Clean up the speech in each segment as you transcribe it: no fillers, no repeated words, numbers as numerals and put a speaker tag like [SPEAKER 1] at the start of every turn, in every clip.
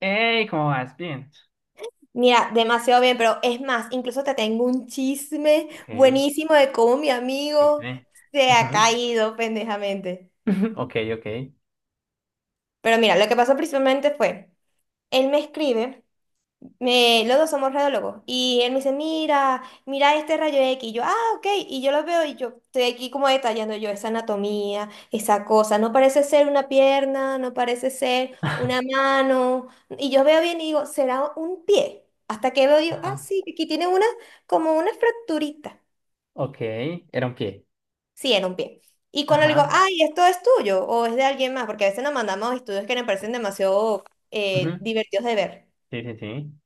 [SPEAKER 1] Hey, ¿cómo vas? Bien.
[SPEAKER 2] Mira, demasiado bien, pero es más, incluso te tengo un chisme
[SPEAKER 1] Ok,
[SPEAKER 2] buenísimo de cómo mi amigo
[SPEAKER 1] bien.
[SPEAKER 2] se ha
[SPEAKER 1] Ujú.
[SPEAKER 2] caído pendejamente.
[SPEAKER 1] Ok, ok.
[SPEAKER 2] Pero mira, lo que pasó principalmente fue, él me escribe. Me, los dos somos radiólogos. Y él me dice, mira, mira este rayo X. Y yo, ah, ok. Y yo lo veo y yo estoy aquí como detallando yo esa anatomía, esa cosa. No parece ser una pierna, no parece ser una mano. Y yo veo bien y digo, será un pie. Hasta que veo yo, ah,
[SPEAKER 1] Ajá,
[SPEAKER 2] sí, aquí tiene una, como una fracturita.
[SPEAKER 1] ok, era un pie.
[SPEAKER 2] Sí, era un pie. Y cuando le digo,
[SPEAKER 1] Ajá.
[SPEAKER 2] ay, esto es tuyo o es de alguien más, porque a veces nos mandamos estudios que nos parecen demasiado
[SPEAKER 1] Ujú.
[SPEAKER 2] divertidos de ver.
[SPEAKER 1] Sí, sí, sí.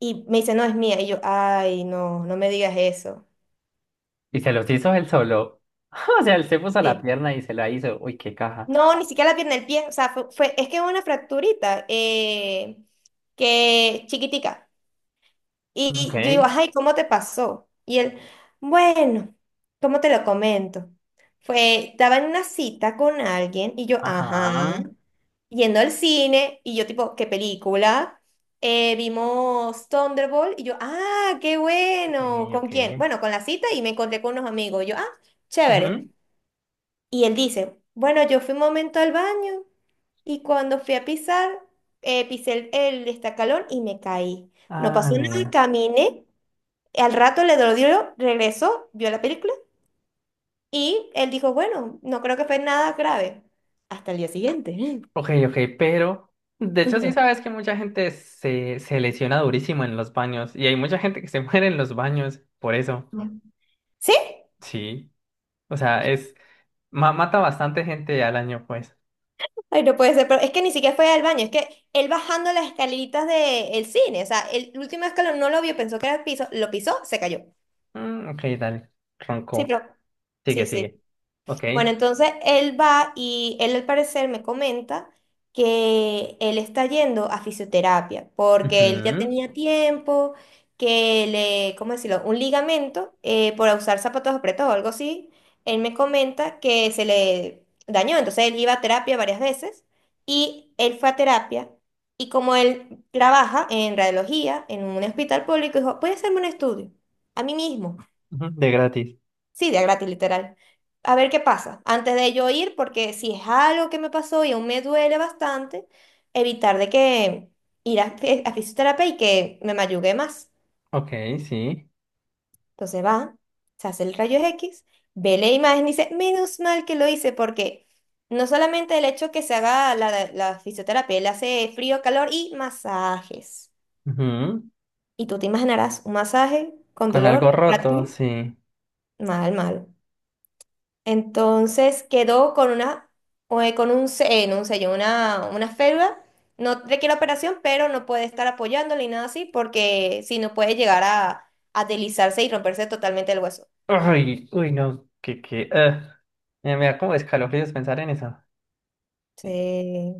[SPEAKER 2] Y me dice, no, es mía. Y yo, ay, no, no me digas eso.
[SPEAKER 1] Y se los hizo él solo. O sea, él se puso la
[SPEAKER 2] Sí.
[SPEAKER 1] pierna y se la hizo. Uy, qué caja.
[SPEAKER 2] No, ni siquiera la pierna del pie. O sea, es que es una fracturita que chiquitica.
[SPEAKER 1] Ok,
[SPEAKER 2] Y yo digo, ay, ¿cómo te pasó? Y él, bueno, ¿cómo te lo comento? Fue, estaba en una cita con alguien y yo, ajá,
[SPEAKER 1] ajá.
[SPEAKER 2] yendo al cine y yo tipo, ¿qué película? Vimos Thunderbolt y yo, ah, qué bueno.
[SPEAKER 1] Sí, ok.
[SPEAKER 2] ¿Con quién? Bueno, con la cita y me encontré con unos amigos. Y yo, ah,
[SPEAKER 1] Ujú.
[SPEAKER 2] chévere. Y él dice, bueno, yo fui un momento al baño y cuando fui a pisar, pisé el destacalón y me caí. No
[SPEAKER 1] Ah,
[SPEAKER 2] pasó nada,
[SPEAKER 1] nea.
[SPEAKER 2] caminé, al rato le dolió, regresó, vio la película y él dijo, bueno, no creo que fue nada grave. Hasta el día siguiente.
[SPEAKER 1] Ok, ok, pero de hecho sí sabes que mucha gente se lesiona durísimo en los baños y hay mucha gente que se muere en los baños por eso.
[SPEAKER 2] Ujú. ¿Sí?
[SPEAKER 1] Sí. O sea, es mata bastante gente al año, pues.
[SPEAKER 2] Ay, no puede ser, pero es que ni siquiera fue al baño, es que él bajando las escaleritas del cine, o sea, el último escalón no lo vio, pensó que era el piso, lo pisó, se cayó.
[SPEAKER 1] Mm, ok, dale.
[SPEAKER 2] Sí,
[SPEAKER 1] Ronco.
[SPEAKER 2] pero... Sí,
[SPEAKER 1] Sigue,
[SPEAKER 2] sí.
[SPEAKER 1] sigue. Ok.
[SPEAKER 2] Bueno, entonces él va y él al parecer me comenta que él está yendo a fisioterapia porque él ya
[SPEAKER 1] Ujú.
[SPEAKER 2] tenía tiempo que le, ¿cómo decirlo? Un ligamento por usar zapatos apretados o algo así. Él me comenta que se le dañó, entonces él iba a terapia varias veces y él fue a terapia y como él trabaja en radiología en un hospital público, dijo, ¿puede hacerme un estudio? A mí mismo.
[SPEAKER 1] Ujú, de gratis.
[SPEAKER 2] Sí, día gratis, literal. A ver qué pasa. Antes de yo ir, porque si es algo que me pasó y aún me duele bastante, evitar de que ir a, a fisioterapia y que me mayugue más.
[SPEAKER 1] Ok, sí.
[SPEAKER 2] Entonces va, se hace el rayo X, ve la imagen y dice, menos mal que lo hice, porque no solamente el hecho que se haga la fisioterapia, él hace frío, calor y masajes.
[SPEAKER 1] Ujú.
[SPEAKER 2] Y tú te imaginarás un masaje con
[SPEAKER 1] Con
[SPEAKER 2] dolor,
[SPEAKER 1] algo roto,
[SPEAKER 2] fractura,
[SPEAKER 1] sí.
[SPEAKER 2] mal, mal. Entonces quedó con una, o, con un, no, un sello, una férula. No requiere operación, pero no puede estar apoyándole y nada así, porque si no puede llegar a deslizarse y romperse totalmente el hueso.
[SPEAKER 1] Uy, uy, no. Que, que. Me me da como escalofríos pensar en eso.
[SPEAKER 2] Sí,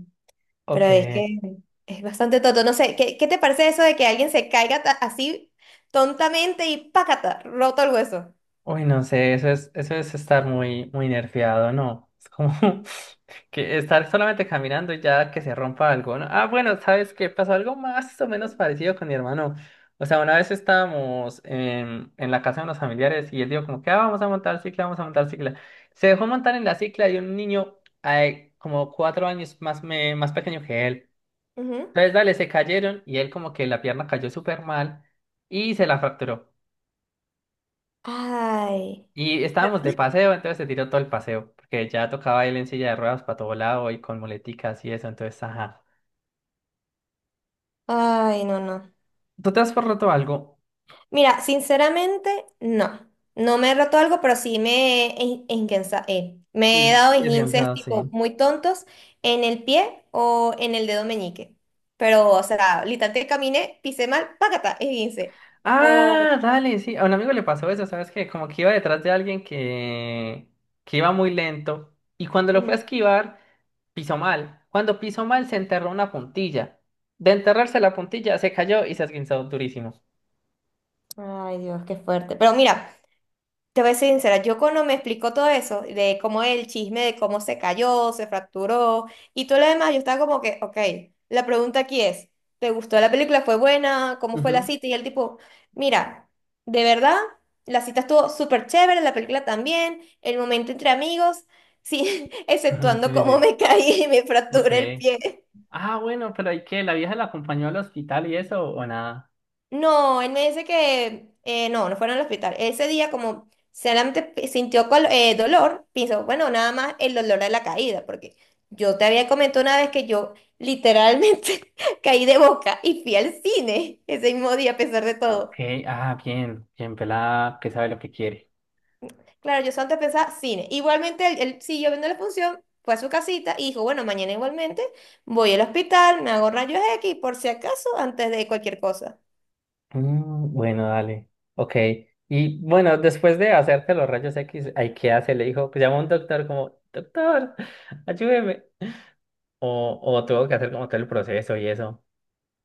[SPEAKER 1] Ok.
[SPEAKER 2] pero es que es bastante tonto. No sé, qué te parece eso de que alguien se caiga así tontamente y ¡pácata! Roto el hueso.
[SPEAKER 1] Uy, no sé. Eso es estar muy, muy nerfeado, ¿no? Es como. Que estar solamente caminando y ya que se rompa algo, ¿no? Ah, bueno, ¿sabes qué? Pasó algo más o menos parecido con mi hermano. O sea, una vez estábamos en la casa de unos familiares y él dijo como que, ah, vamos a montar cicla, vamos a montar cicla. Se dejó montar en la cicla y un niño ay, como 4 años más, más pequeño que él.
[SPEAKER 2] Ujú.
[SPEAKER 1] Entonces, dale, se cayeron y él como que la pierna cayó súper mal y se la fracturó.
[SPEAKER 2] Ay,
[SPEAKER 1] Y estábamos de paseo, entonces se tiró todo el paseo, porque ya tocaba él en silla de ruedas para todo lado y con muleticas y eso, entonces, ajá.
[SPEAKER 2] ay, no, no.
[SPEAKER 1] ¿Tú te has forroto algo?
[SPEAKER 2] Mira, sinceramente, no. No me he roto algo, pero sí me he, me he dado
[SPEAKER 1] Es
[SPEAKER 2] esguinces
[SPEAKER 1] cansado, sí.
[SPEAKER 2] tipo muy tontos en el pie o en el dedo meñique. Pero, o sea, literalmente caminé, pisé mal, págata, esguince. O...
[SPEAKER 1] Ah, dale, sí. A un amigo le pasó eso, ¿sabes qué? Como que iba detrás de alguien que iba muy lento y cuando lo fue a
[SPEAKER 2] ujú.
[SPEAKER 1] esquivar, pisó mal. Cuando pisó mal, se enterró una puntilla. De enterrarse la puntilla, se cayó y se esguinzó durísimo.
[SPEAKER 2] Ay, Dios, qué fuerte. Pero mira. Te voy a ser sincera, yo cuando me explicó todo eso, de cómo el chisme, de cómo se cayó, se fracturó y todo lo demás, yo estaba como que, ok, la pregunta aquí es, ¿te gustó la película? ¿Fue buena? ¿Cómo fue la
[SPEAKER 1] Ujú.
[SPEAKER 2] cita? Y el tipo, mira, de verdad, la cita estuvo súper chévere, la película también, el momento entre amigos, sí,
[SPEAKER 1] Ajá,
[SPEAKER 2] exceptuando
[SPEAKER 1] sí, sí,
[SPEAKER 2] cómo
[SPEAKER 1] sí.
[SPEAKER 2] me caí y me
[SPEAKER 1] Ok.
[SPEAKER 2] fracturé el pie.
[SPEAKER 1] Ah, bueno, pero ¿y qué? ¿La vieja la acompañó al hospital y eso o nada?
[SPEAKER 2] No, él me dice que no, no fueron al hospital. Ese día, como solamente sintió dolor, pensó, bueno, nada más el dolor de la caída, porque yo te había comentado una vez que yo literalmente caí de boca y fui al cine ese mismo día, a pesar de
[SPEAKER 1] Ok,
[SPEAKER 2] todo.
[SPEAKER 1] ah, bien, bien pelada, que sabe lo que quiere.
[SPEAKER 2] Claro, yo solamente pensaba cine. Igualmente, él siguió viendo la función, fue a su casita y dijo, bueno, mañana igualmente voy al hospital, me hago rayos X, por si acaso, antes de cualquier cosa.
[SPEAKER 1] Mm, bueno, dale. Ok. Y bueno, después de hacerte los rayos X, ¿hay qué hace? Le dijo, pues llamó a un doctor como, doctor, ayúdeme. O tuvo que hacer como todo el proceso y eso.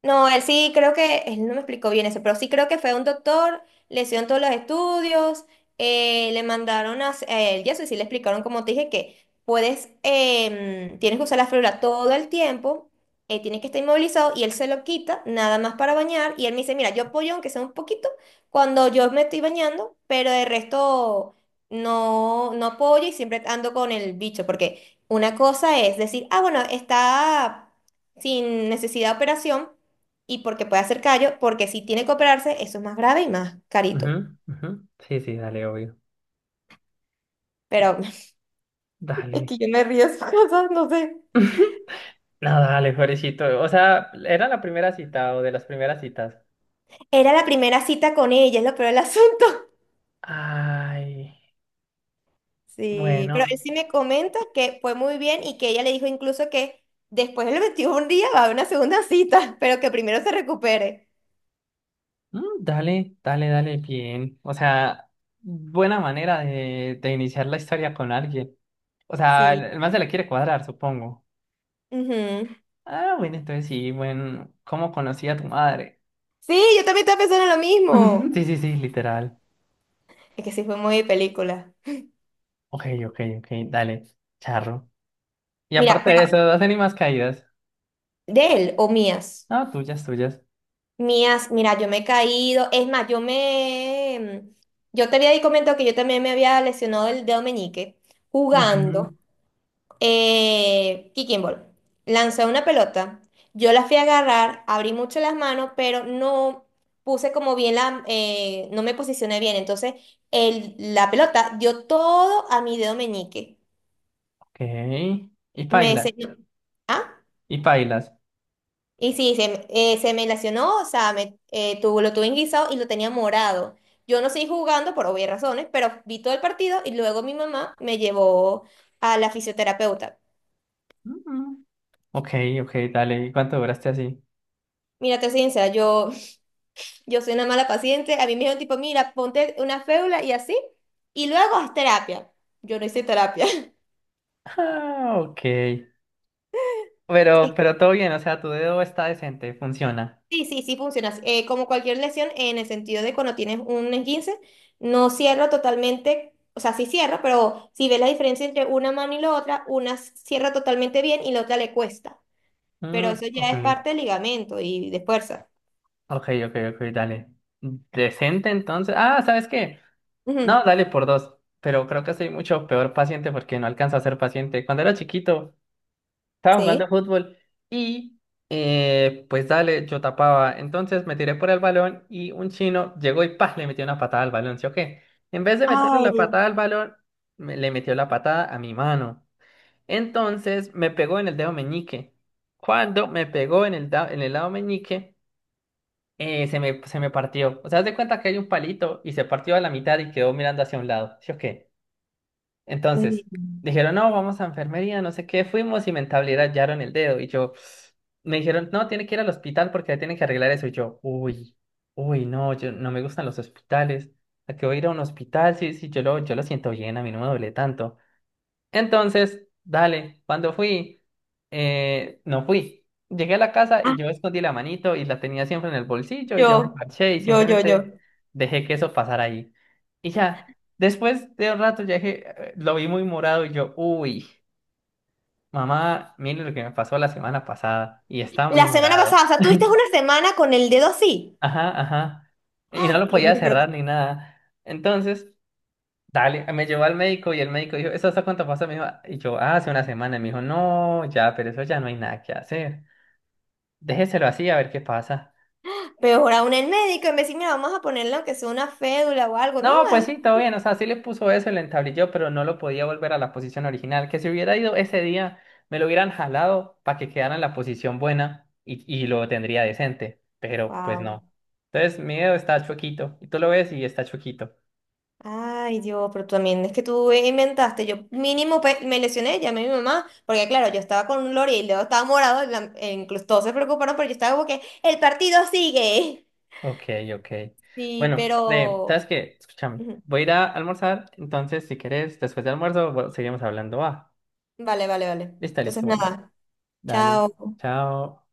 [SPEAKER 2] No, él sí creo que, él no me explicó bien eso, pero sí creo que fue un doctor, le hicieron todos los estudios, le mandaron a, a él, y eso y sí le explicaron, como te dije, que puedes, tienes que usar la férula todo el tiempo, tienes que estar inmovilizado, y él se lo quita, nada más para bañar, y él me dice, mira, yo apoyo aunque sea un poquito, cuando yo me estoy bañando, pero de resto no, no apoyo y siempre ando con el bicho, porque una cosa es decir, ah, bueno, está sin necesidad de operación, y porque puede hacer callo, porque si tiene que operarse, eso es más grave y más carito.
[SPEAKER 1] Ujú, ujú. Sí, sí, dale, obvio. Y-
[SPEAKER 2] Pero es
[SPEAKER 1] Dale.
[SPEAKER 2] que yo me río de esas cosas, no sé.
[SPEAKER 1] No, dale, pobrecito. O sea, ¿era la primera cita o de las primeras citas?
[SPEAKER 2] Era la primera cita con ella, es lo peor del asunto.
[SPEAKER 1] Ay,
[SPEAKER 2] Sí, pero él
[SPEAKER 1] bueno.
[SPEAKER 2] sí me comenta que fue muy bien y que ella le dijo incluso que después del 21 día va a haber una segunda cita, pero que primero se recupere.
[SPEAKER 1] Mm, dale, dale, dale, bien. O sea, buena manera de iniciar la historia con alguien. O sea,
[SPEAKER 2] Sí.
[SPEAKER 1] el man se la quiere cuadrar, supongo.
[SPEAKER 2] Ujú.
[SPEAKER 1] Ah, bueno, entonces sí, bueno, ¿cómo conocí a tu madre?
[SPEAKER 2] Sí, yo también estaba pensando en lo mismo.
[SPEAKER 1] Sí, sí, sí, literal.
[SPEAKER 2] Es que sí fue muy de película.
[SPEAKER 1] Ok, ok, ok, dale, charro. Y
[SPEAKER 2] Mira,
[SPEAKER 1] aparte de
[SPEAKER 2] pero
[SPEAKER 1] eso, ¿hacen ni más caídas?
[SPEAKER 2] de él o mías.
[SPEAKER 1] No, tuyas, tuyas.
[SPEAKER 2] Mías, mira, yo me he caído. Es más, yo te había comentado que yo también me había lesionado el dedo meñique jugando
[SPEAKER 1] Ujú,
[SPEAKER 2] kicking ball. Lancé una pelota. Yo la fui a agarrar, abrí mucho las manos, pero no puse como bien la. No me posicioné bien. Entonces, la pelota dio todo a mi dedo meñique.
[SPEAKER 1] ok. Y
[SPEAKER 2] Me
[SPEAKER 1] pailas,
[SPEAKER 2] se- ¿Ah?
[SPEAKER 1] y pailas.
[SPEAKER 2] Y sí, se me lacionó, o sea, lo tuve en guisado y lo tenía morado. Yo no seguí jugando por obvias razones, pero vi todo el partido y luego mi mamá me llevó a la fisioterapeuta.
[SPEAKER 1] Ujú. Ok, ok, dale. ¿Y cuánto duraste así?
[SPEAKER 2] Mira, te soy sincera, yo soy una mala paciente. A mí me dijeron tipo, mira, ponte una fédula y así, y luego haz terapia. Yo no hice terapia.
[SPEAKER 1] Ah, ok. Pero todo bien, o sea, tu dedo está decente, funciona.
[SPEAKER 2] Sí, sí, sí funciona. Como cualquier lesión, en el sentido de cuando tienes un esguince, no cierra totalmente, o sea, sí cierra, pero si ves la diferencia entre una mano y la otra, cierra totalmente bien y la otra le cuesta. Pero
[SPEAKER 1] Mm,
[SPEAKER 2] eso ya
[SPEAKER 1] ok,
[SPEAKER 2] es parte del ligamento y de fuerza.
[SPEAKER 1] ok, ok, ok, dale. Decente entonces. Ah, ¿sabes qué? No,
[SPEAKER 2] Ujú.
[SPEAKER 1] dale por dos, pero creo que soy mucho peor paciente porque no alcanzo a ser paciente. Cuando era chiquito, estaba jugando
[SPEAKER 2] Sí.
[SPEAKER 1] fútbol y pues dale, yo tapaba. Entonces me tiré por el balón y un chino llegó y ¡pah! Le metió una patada al balón, ¿sí o qué? En vez de meterle la
[SPEAKER 2] Ay,
[SPEAKER 1] patada al balón, le metió la patada a mi mano. Entonces me pegó en el dedo meñique. Cuando me pegó en el lado meñique, se me partió. O sea, haz de cuenta que hay un palito y se partió a la mitad y quedó mirando hacia un lado, ¿sí o qué?
[SPEAKER 2] ay.
[SPEAKER 1] Entonces, dijeron, no, vamos a enfermería, no sé qué, fuimos y me entablillaron el dedo. Y yo, me dijeron, no, tiene que ir al hospital porque ahí tienen que arreglar eso. Y yo, uy, uy, no, yo no me gustan los hospitales. ¿A qué voy a ir a un hospital? Sí, sí, yo lo siento bien, a mí no me duele tanto. Entonces, dale, cuando fui, no fui. Llegué a la casa y
[SPEAKER 2] Ah,
[SPEAKER 1] yo escondí la manito y la tenía siempre en el bolsillo y yo me
[SPEAKER 2] yo,
[SPEAKER 1] parché y simplemente
[SPEAKER 2] yo.
[SPEAKER 1] dejé que eso pasara ahí. Y ya, después de un rato ya dije, lo vi muy morado y yo, uy, mamá, mire lo que me pasó la semana pasada y está muy
[SPEAKER 2] La semana
[SPEAKER 1] morado.
[SPEAKER 2] pasada, o sea, tuviste una semana con el dedo así.
[SPEAKER 1] Ajá, ajá. Y no
[SPEAKER 2] Ah,
[SPEAKER 1] lo
[SPEAKER 2] Dios
[SPEAKER 1] podía
[SPEAKER 2] mío, pero
[SPEAKER 1] cerrar ni nada. Entonces... Dale, me llevó al médico y el médico dijo, ¿eso hasta cuánto pasó? Me dijo, y yo, "Ah, hace una semana". Y me dijo, no, ya, pero eso ya no hay nada que hacer. Déjeselo así a ver qué pasa.
[SPEAKER 2] peor aún el médico, en vez de decir, mira, vamos a ponerle aunque sea una fédula o algo, ¿no?
[SPEAKER 1] No, pues sí, todo bien. O sea, sí le puso eso, le entablilló, pero no lo podía volver a la posición original. Que si hubiera ido ese día, me lo hubieran jalado para que quedara en la posición buena y lo tendría decente. Pero pues
[SPEAKER 2] Wow.
[SPEAKER 1] no. Entonces, mi dedo está chuequito. Y tú lo ves y está chuequito.
[SPEAKER 2] Ay, Dios, pero también es que tú inventaste. Yo mínimo me lesioné, llamé a mi mamá, porque claro, yo estaba con un lore y luego estaba morado, y e incluso todos se preocuparon, pero yo estaba como que el partido sigue.
[SPEAKER 1] Ok, ok.
[SPEAKER 2] Sí,
[SPEAKER 1] Bueno,
[SPEAKER 2] pero...
[SPEAKER 1] ¿sabes qué? Escúchame,
[SPEAKER 2] ujú.
[SPEAKER 1] voy a ir a almorzar, entonces si querés, después de almuerzo, bueno, seguimos hablando. Ah,
[SPEAKER 2] Vale, vale, vale.
[SPEAKER 1] está
[SPEAKER 2] Entonces
[SPEAKER 1] listo, bueno,
[SPEAKER 2] nada,
[SPEAKER 1] dale,
[SPEAKER 2] chao.
[SPEAKER 1] chao.